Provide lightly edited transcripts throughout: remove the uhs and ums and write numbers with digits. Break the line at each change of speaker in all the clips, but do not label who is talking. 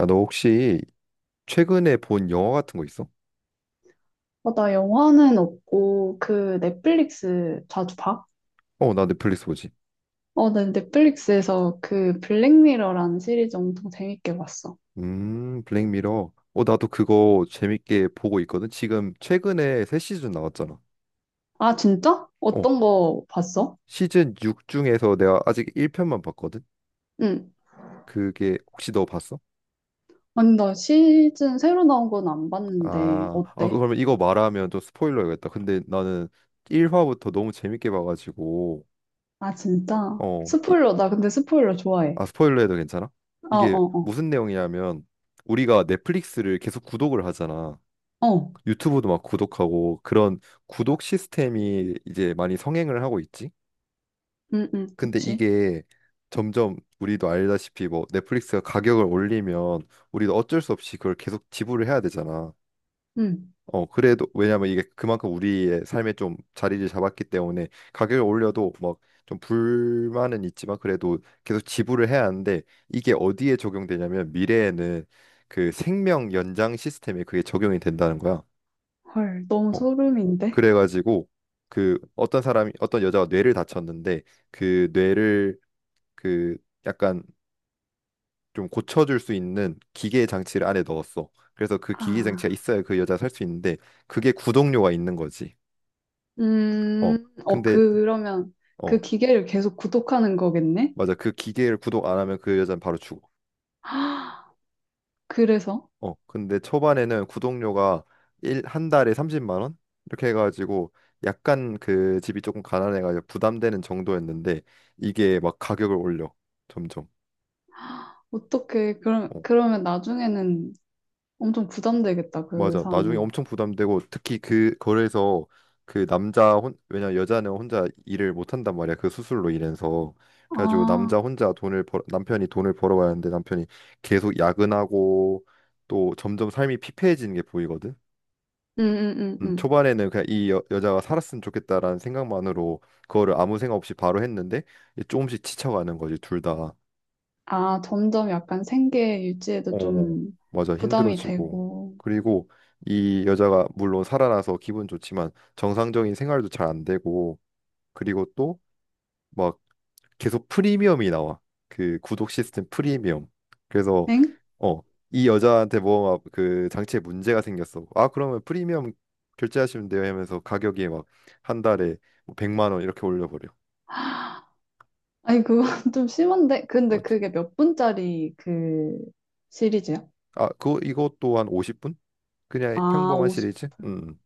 야, 너 혹시 최근에 본 영화 같은 거 있어?
어, 나 영화는 없고 그 넷플릭스 자주 봐?
어, 나 넷플릭스 보지.
어, 난 넷플릭스에서 그 블랙미러라는 시리즈 엄청 재밌게 봤어.
블랙미러. 어, 나도 그거 재밌게 보고 있거든. 지금 최근에 새 시즌 나왔잖아.
아, 진짜?
어,
어떤 거 봤어?
시즌 6 중에서 내가 아직 1편만 봤거든.
응.
그게 혹시 너 봤어?
아니, 나 시즌 새로 나온 건 안 봤는데
아,
어때?
그러면 이거 말하면 좀 스포일러겠다. 근데 나는 1화부터 너무 재밌게 봐가지고,
아, 진짜?
어, 이-
스포일러, 나 근데 스포일러 좋아해.
아, 스포일러 해도 괜찮아?
어,
이게
어,
무슨 내용이냐면 우리가 넷플릭스를 계속 구독을 하잖아.
어. 어.
유튜브도 막 구독하고 그런 구독 시스템이 이제 많이 성행을 하고 있지.
응, 응,
근데
그치.
이게 점점 우리도 알다시피 뭐 넷플릭스가 가격을 올리면 우리도 어쩔 수 없이 그걸 계속 지불을 해야 되잖아.
응.
그래도 왜냐면 이게 그만큼 우리의 삶에 좀 자리를 잡았기 때문에 가격을 올려도 막 좀 불만은 있지만 그래도 계속 지불을 해야 하는데, 이게 어디에 적용되냐면 미래에는 그 생명 연장 시스템에 그게 적용이 된다는 거야.
헐, 너무
어,
소름인데?
그래가지고 그 어떤 사람이, 어떤 여자가 뇌를 다쳤는데 그 뇌를 그 약간 좀 고쳐줄 수 있는 기계 장치를 안에 넣었어. 그래서 그 기계 장치가
아.
있어야 그 여자 살 수 있는데, 그게 구독료가 있는 거지. 어
어,
근데
그, 그러면
어
그 기계를 계속 구독하는 거겠네?
맞아. 그 기계를 구독 안 하면 그 여자는 바로 죽어.
그래서
근데 초반에는 구독료가 일 한 달에 30만 원, 이렇게 해가지고 약간 그 집이 조금 가난해가지고 부담되는 정도였는데 이게 막 가격을 올려, 점점.
어떻게 그럼
어.
그러면 나중에는 엄청 부담되겠다 그
맞아. 나중에
사람은.
엄청 부담되고, 특히 그 거래에서 그 남자 혼 왜냐 여자는 혼자 일을 못 한단 말이야. 그 수술로 인해서. 그래가지고 남자
아,
혼자 돈을 벌 남편이 돈을 벌어와야 하는데 남편이 계속 야근하고 또 점점 삶이 피폐해지는 게 보이거든.
응응응응.
초반에는 그냥 이 여자가 살았으면 좋겠다라는 생각만으로 그거를 아무 생각 없이 바로 했는데 이제 조금씩 지쳐가는 거지, 둘 다.
아 점점 약간 생계 유지에도
어,
좀
맞아.
부담이
힘들어지고.
되고.
그리고 이 여자가 물론 살아나서 기분 좋지만 정상적인 생활도 잘 안 되고, 그리고 또 막 계속 프리미엄이 나와. 그 구독 시스템 프리미엄. 그래서
엥?
어, 이 여자한테 뭐 그 장치에 문제가 생겼어. 아, 그러면 프리미엄 결제하시면 돼요 하면서 가격이 막 한 달에 뭐 100만 원 이렇게 올려버려.
아니 그건 좀 심한데. 근데
맞지?
그게 몇 분짜리 그 시리즈야?
아, 그거 이것도 한 50분? 그냥
아
평범한
50.
시리즈? 음.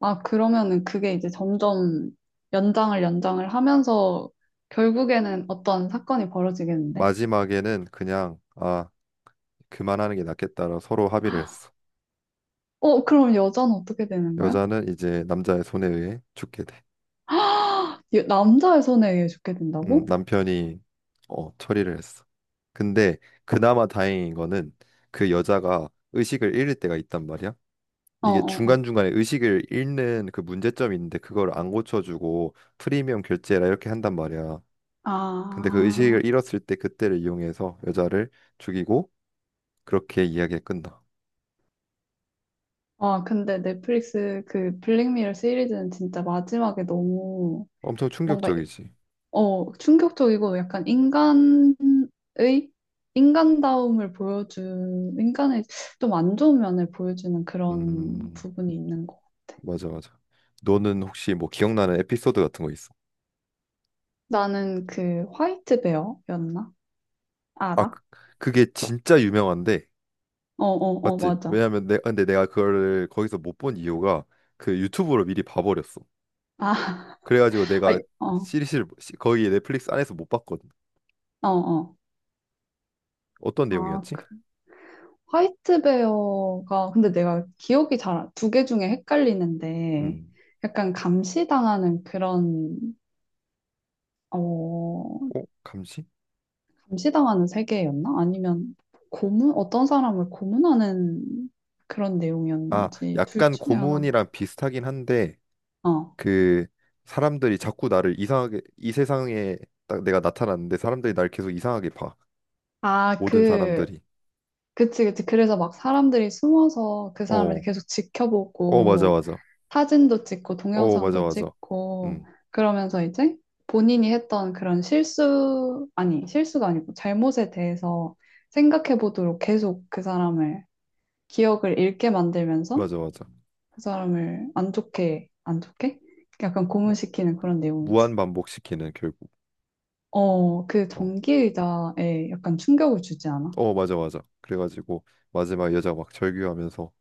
아 그러면은 그게 이제 점점 연장을 하면서 결국에는 어떤 사건이 벌어지겠는데?
마지막에는 그냥 아 그만하는 게 낫겠다라 서로 합의를 했어.
어 그럼 여자는 어떻게 되는 거야?
여자는 이제 남자의 손에 의해 죽게 돼.
남자의 손에 의해 죽게 된다고?
남편이 어, 처리를 했어. 근데 그나마 다행인 거는 그 여자가 의식을 잃을 때가 있단 말이야.
어,
이게
어, 어.
중간중간에 의식을 잃는 그 문제점이 있는데 그걸 안 고쳐주고 프리미엄 결제라 이렇게 한단 말이야. 근데 그
아,
의식을 잃었을 때 그때를 이용해서 여자를 죽이고 그렇게 이야기가 끝나.
아, 근데 넷플릭스 그 블랙미러 시리즈는 진짜 마지막에 너무
엄청
뭔가,
충격적이지.
어, 충격적이고 약간 인간의, 인간다움을 보여준, 인간의 좀 안 좋은 면을 보여주는 그런
음.
부분이 있는 거.
맞아, 맞아. 너는 혹시 뭐 기억나는 에피소드 같은 거 있어?
나는 그 화이트 베어였나?
아,
알아?
그- 그게 진짜 유명한데,
어, 어, 어,
맞지?
맞아.
근데 내가 그거를 거기서 못 본 이유가 그 유튜브로 미리 봐버렸어.
아,
그래가지고 내가
아이, 어,
거기 넷플릭스 안에서 못 봤거든.
어, 어.
어떤
아,
내용이었지?
그 화이트베어가 근데 내가 기억이 잘 두 개 중에 헷갈리는데
음,
약간 감시당하는 그런 어
감시?
감시당하는 세계였나? 아니면 고문 어떤 사람을 고문하는 그런
아,
내용이었는지 둘
약간
중에 하나가
고문이랑 비슷하긴 한데
어.
그 사람들이 자꾸 나를 이상하게, 이 세상에 딱 내가 나타났는데 사람들이 날 계속 이상하게 봐.
아,
모든
그
사람들이.
그치 그치 그래서 막 사람들이 숨어서 그 사람을
어,
계속
어, 맞아,
지켜보고
맞아.
사진도 찍고
어, 맞아,
동영상도
맞아.
찍고
음,
그러면서 이제 본인이 했던 그런 실수, 아니, 실수가 아니고 잘못에 대해서 생각해 보도록 계속 그 사람을 기억을 잃게 만들면서
맞아, 맞아.
그 사람을 안 좋게, 안 좋게? 약간
어,
고문시키는 그런 내용이지.
무한 반복시키는, 결국.
어, 그
어,
전기의자에 약간 충격을 주지 않아?
어, 맞아, 맞아. 그래가지고 마지막 여자 막 절규하면서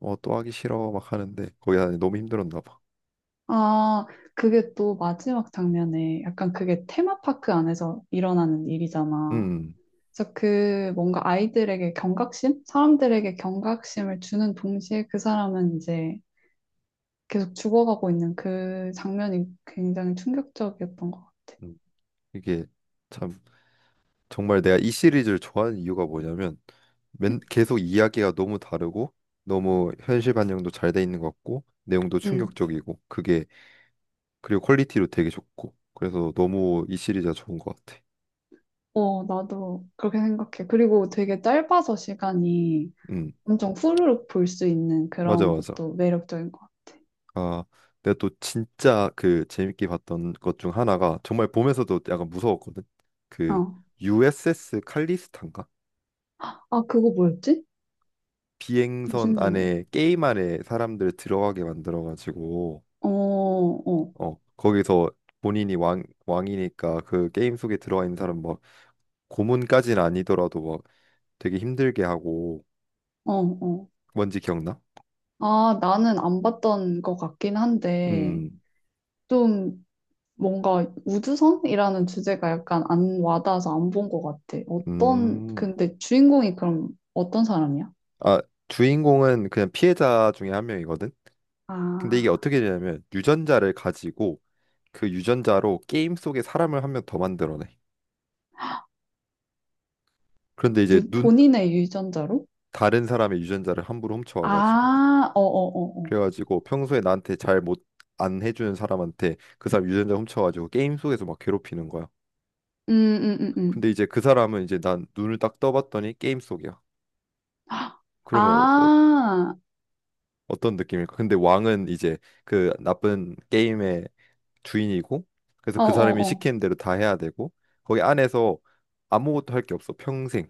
어, 또 하기 싫어 막 하는데 거기 다 너무 힘들었나 봐.
아, 그게 또 마지막 장면에 약간 그게 테마파크 안에서 일어나는 일이잖아.
음,
그래서 그 뭔가 아이들에게 경각심? 사람들에게 경각심을 주는 동시에 그 사람은 이제 계속 죽어가고 있는 그 장면이 굉장히 충격적이었던 것 같아.
음, 이게 참 정말 내가 이 시리즈를 좋아하는 이유가 뭐냐면 계속 이야기가 너무 다르고 너무 현실 반영도 잘 돼 있는 것 같고 내용도
응.
충격적이고 그게, 그리고 퀄리티도 되게 좋고, 그래서 너무 이 시리즈가 좋은 것 같아.
어, 나도 그렇게 생각해. 그리고 되게 짧아서 시간이
음,
엄청 후루룩 볼 수 있는
맞아,
그런
맞아.
것도 매력적인 것 같아.
아, 내가 또 진짜 그 재밌게 봤던 것 중 하나가 정말 보면서도 약간 무서웠거든. 그
어.
USS 칼리스탄가?
아, 그거 뭐였지?
비행선
무슨 영화?
안에 게임 안에 사람들 들어가게 만들어 가지고
어, 어,
어, 거기서 본인이 왕 왕이니까 그 게임 속에 들어가 있는 사람 막 고문까지는 아니더라도 막 되게 힘들게 하고,
어, 어.
뭔지 기억나?
아, 나는 안 봤던 것 같긴 한데,
음.
좀 뭔가 우주선이라는 주제가 약간 안 와닿아서 안 본 것 같아. 어떤,
음.
근데 주인공이 그럼 어떤 사람이야?
아, 주인공은 그냥 피해자 중에 한 명이거든. 근데 이게
아,
어떻게 되냐면 유전자를 가지고 그 유전자로 게임 속에 사람을 한 명 더 만들어내. 그런데 이제 눈,
본인의 유전자로?
다른 사람의 유전자를 함부로 훔쳐와가지고
아, 어어어어.
그래가지고 평소에 나한테 잘 못, 안 해주는 사람한테 그 사람 유전자 훔쳐가지고 게임 속에서 막 괴롭히는 거야.
음, 음, 음,
근데
음.
이제 그 사람은 이제 난 눈을 딱 떠봤더니 게임 속이야. 그러면 어,
아,
떤 느낌일까? 근데 왕은 이제 그 나쁜 게임의 주인이고 그래서 그 사람이
어어어.
시키는 대로 다 해야 되고 거기 안에서 아무것도 할 게 없어, 평생.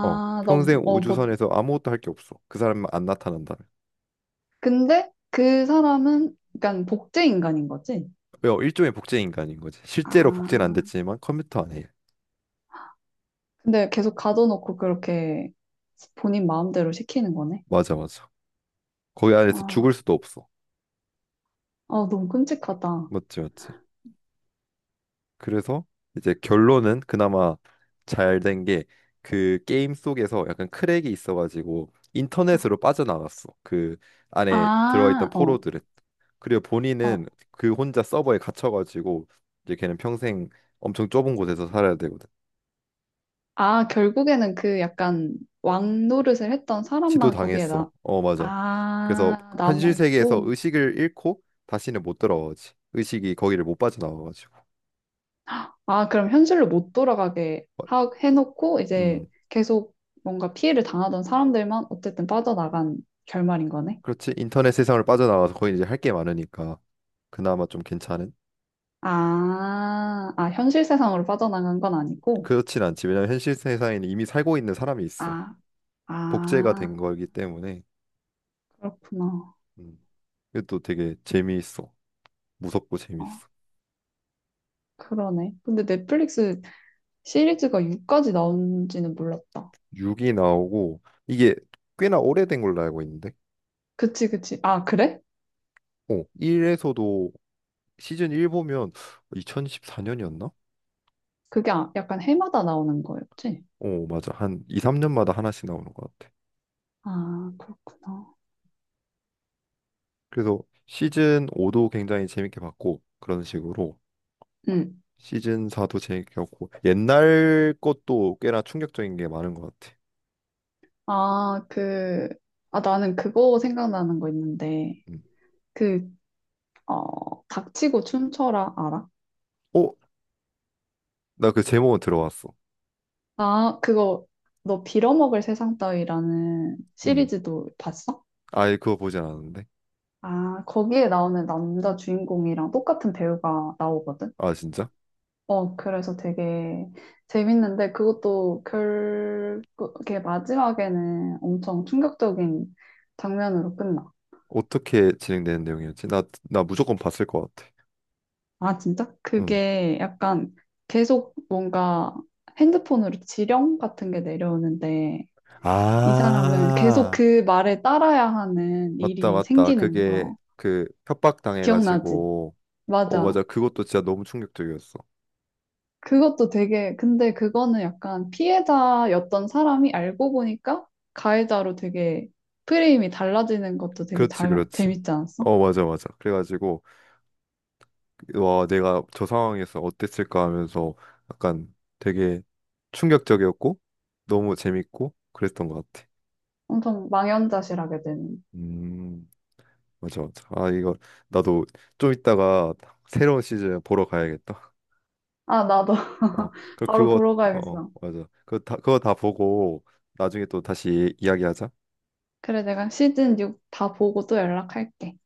어,
나,
평생
어, 뭐,
우주선에서 아무것도 할 게 없어. 그 사람만 안 나타난다면.
근데 그 사람은 약간 복제 인간인 거지?
왜 일종의 복제 인간인 거지. 실제로 복제는 안
아,
됐지만 컴퓨터 안에.
근데 계속 가둬놓고 그렇게 본인 마음대로 시키는 거네?
맞아, 맞아. 거기 안에서
아,
죽을 수도 없어.
아, 너무 끔찍하다.
맞지, 맞지. 그래서 이제 결론은 그나마 잘 된 게, 그 게임 속에서 약간 크랙이 있어가지고 인터넷으로 빠져나갔어. 그 안에 들어있던
아, 어,
포로들은. 그리고 본인은
어.
그 혼자 서버에 갇혀가지고 이제 걔는 평생 엄청 좁은 곳에서 살아야 되거든.
아, 결국에는 그 약간 왕 노릇을 했던
지도
사람만 거기에
당했어.
나,
어, 맞아. 그래서
아,
현실 세계에서
남아있고.
의식을 잃고 다시는 못 들어오지. 의식이 거기를 못 빠져나와가지고.
아, 그럼 현실로 못 돌아가게
어,
해놓고 이제
음,
계속 뭔가 피해를 당하던 사람들만 어쨌든 빠져나간 결말인 거네.
그렇지. 인터넷 세상을 빠져나와서 거기 이제 할 게 많으니까 그나마 좀 괜찮은.
아, 아, 현실 세상으로 빠져나간 건 아니고.
그렇진 않지. 왜냐면 현실 세상에는 이미 살고 있는 사람이 있어.
아,
복제가 된
아,
거기 때문에.
그렇구나.
음, 이것도 되게 재미있어. 무섭고 재미있
어,
어
그러네. 근데 넷플릭스 시리즈가 6까지 나온지는 몰랐다.
6이 나오고 이게 꽤나 오래된 걸로 알고 있는데.
그치, 그치. 아, 그래?
어, 1에서도, 시즌 1 보면 2014년이었나?
그게 약간 해마다 나오는 거였지?
어, 맞아. 한 2, 3년마다 하나씩 나오는 것 같아.
아, 그렇구나.
그래서 시즌 5도 굉장히 재밌게 봤고 그런 식으로
응.
시즌 4도 재밌게 봤고, 옛날 것도 꽤나 충격적인 게 많은 것 같아.
아, 그, 아, 나는 그거 생각나는 거 있는데,
음.
그, 어, 닥치고 춤춰라, 알아?
어? 나 그 제목은 들어왔어.
아, 그거, 너 빌어먹을 세상 따위라는
음.
시리즈도 봤어?
아예 그거 보진 않았는데.
아, 거기에 나오는 남자 주인공이랑 똑같은 배우가 나오거든?
아, 진짜?
어, 그래서 되게 재밌는데 그것도 결국에 마지막에는 엄청 충격적인 장면으로 끝나.
어떻게 진행되는 내용이었지? 나 무조건 봤을 것 같아.
아, 진짜?
음.
그게 약간 계속 뭔가 핸드폰으로 지령 같은 게 내려오는데 이 사람은 계속
아,
그 말에 따라야 하는
맞다,
일이
맞다.
생기는
그게
거.
그 협박
기억나지?
당해가지고 어,
맞아.
맞아. 그것도 진짜 너무 충격적이었어.
그것도 되게, 근데 그거는 약간 피해자였던 사람이 알고 보니까 가해자로 되게 프레임이 달라지는 것도 되게
그렇지,
잘,
그렇지.
재밌지 않았어?
어, 맞아, 맞아. 그래가지고, 와, 내가 저 상황에서 어땠을까 하면서 약간 되게 충격적이었고, 너무 재밌고, 그랬던 것 같아.
엄청 망연자실하게 되는.
음, 맞아, 맞아. 아, 이거, 나도 좀 이따가 새로운 시즌 보러 가야겠다.
아, 나도
어,
바로
그거,
보러
어,
가야겠어.
맞아. 그거 다 보고, 나중에 또 다시 이야기하자.
그래, 내가 시즌 6 다 보고 또 연락할게.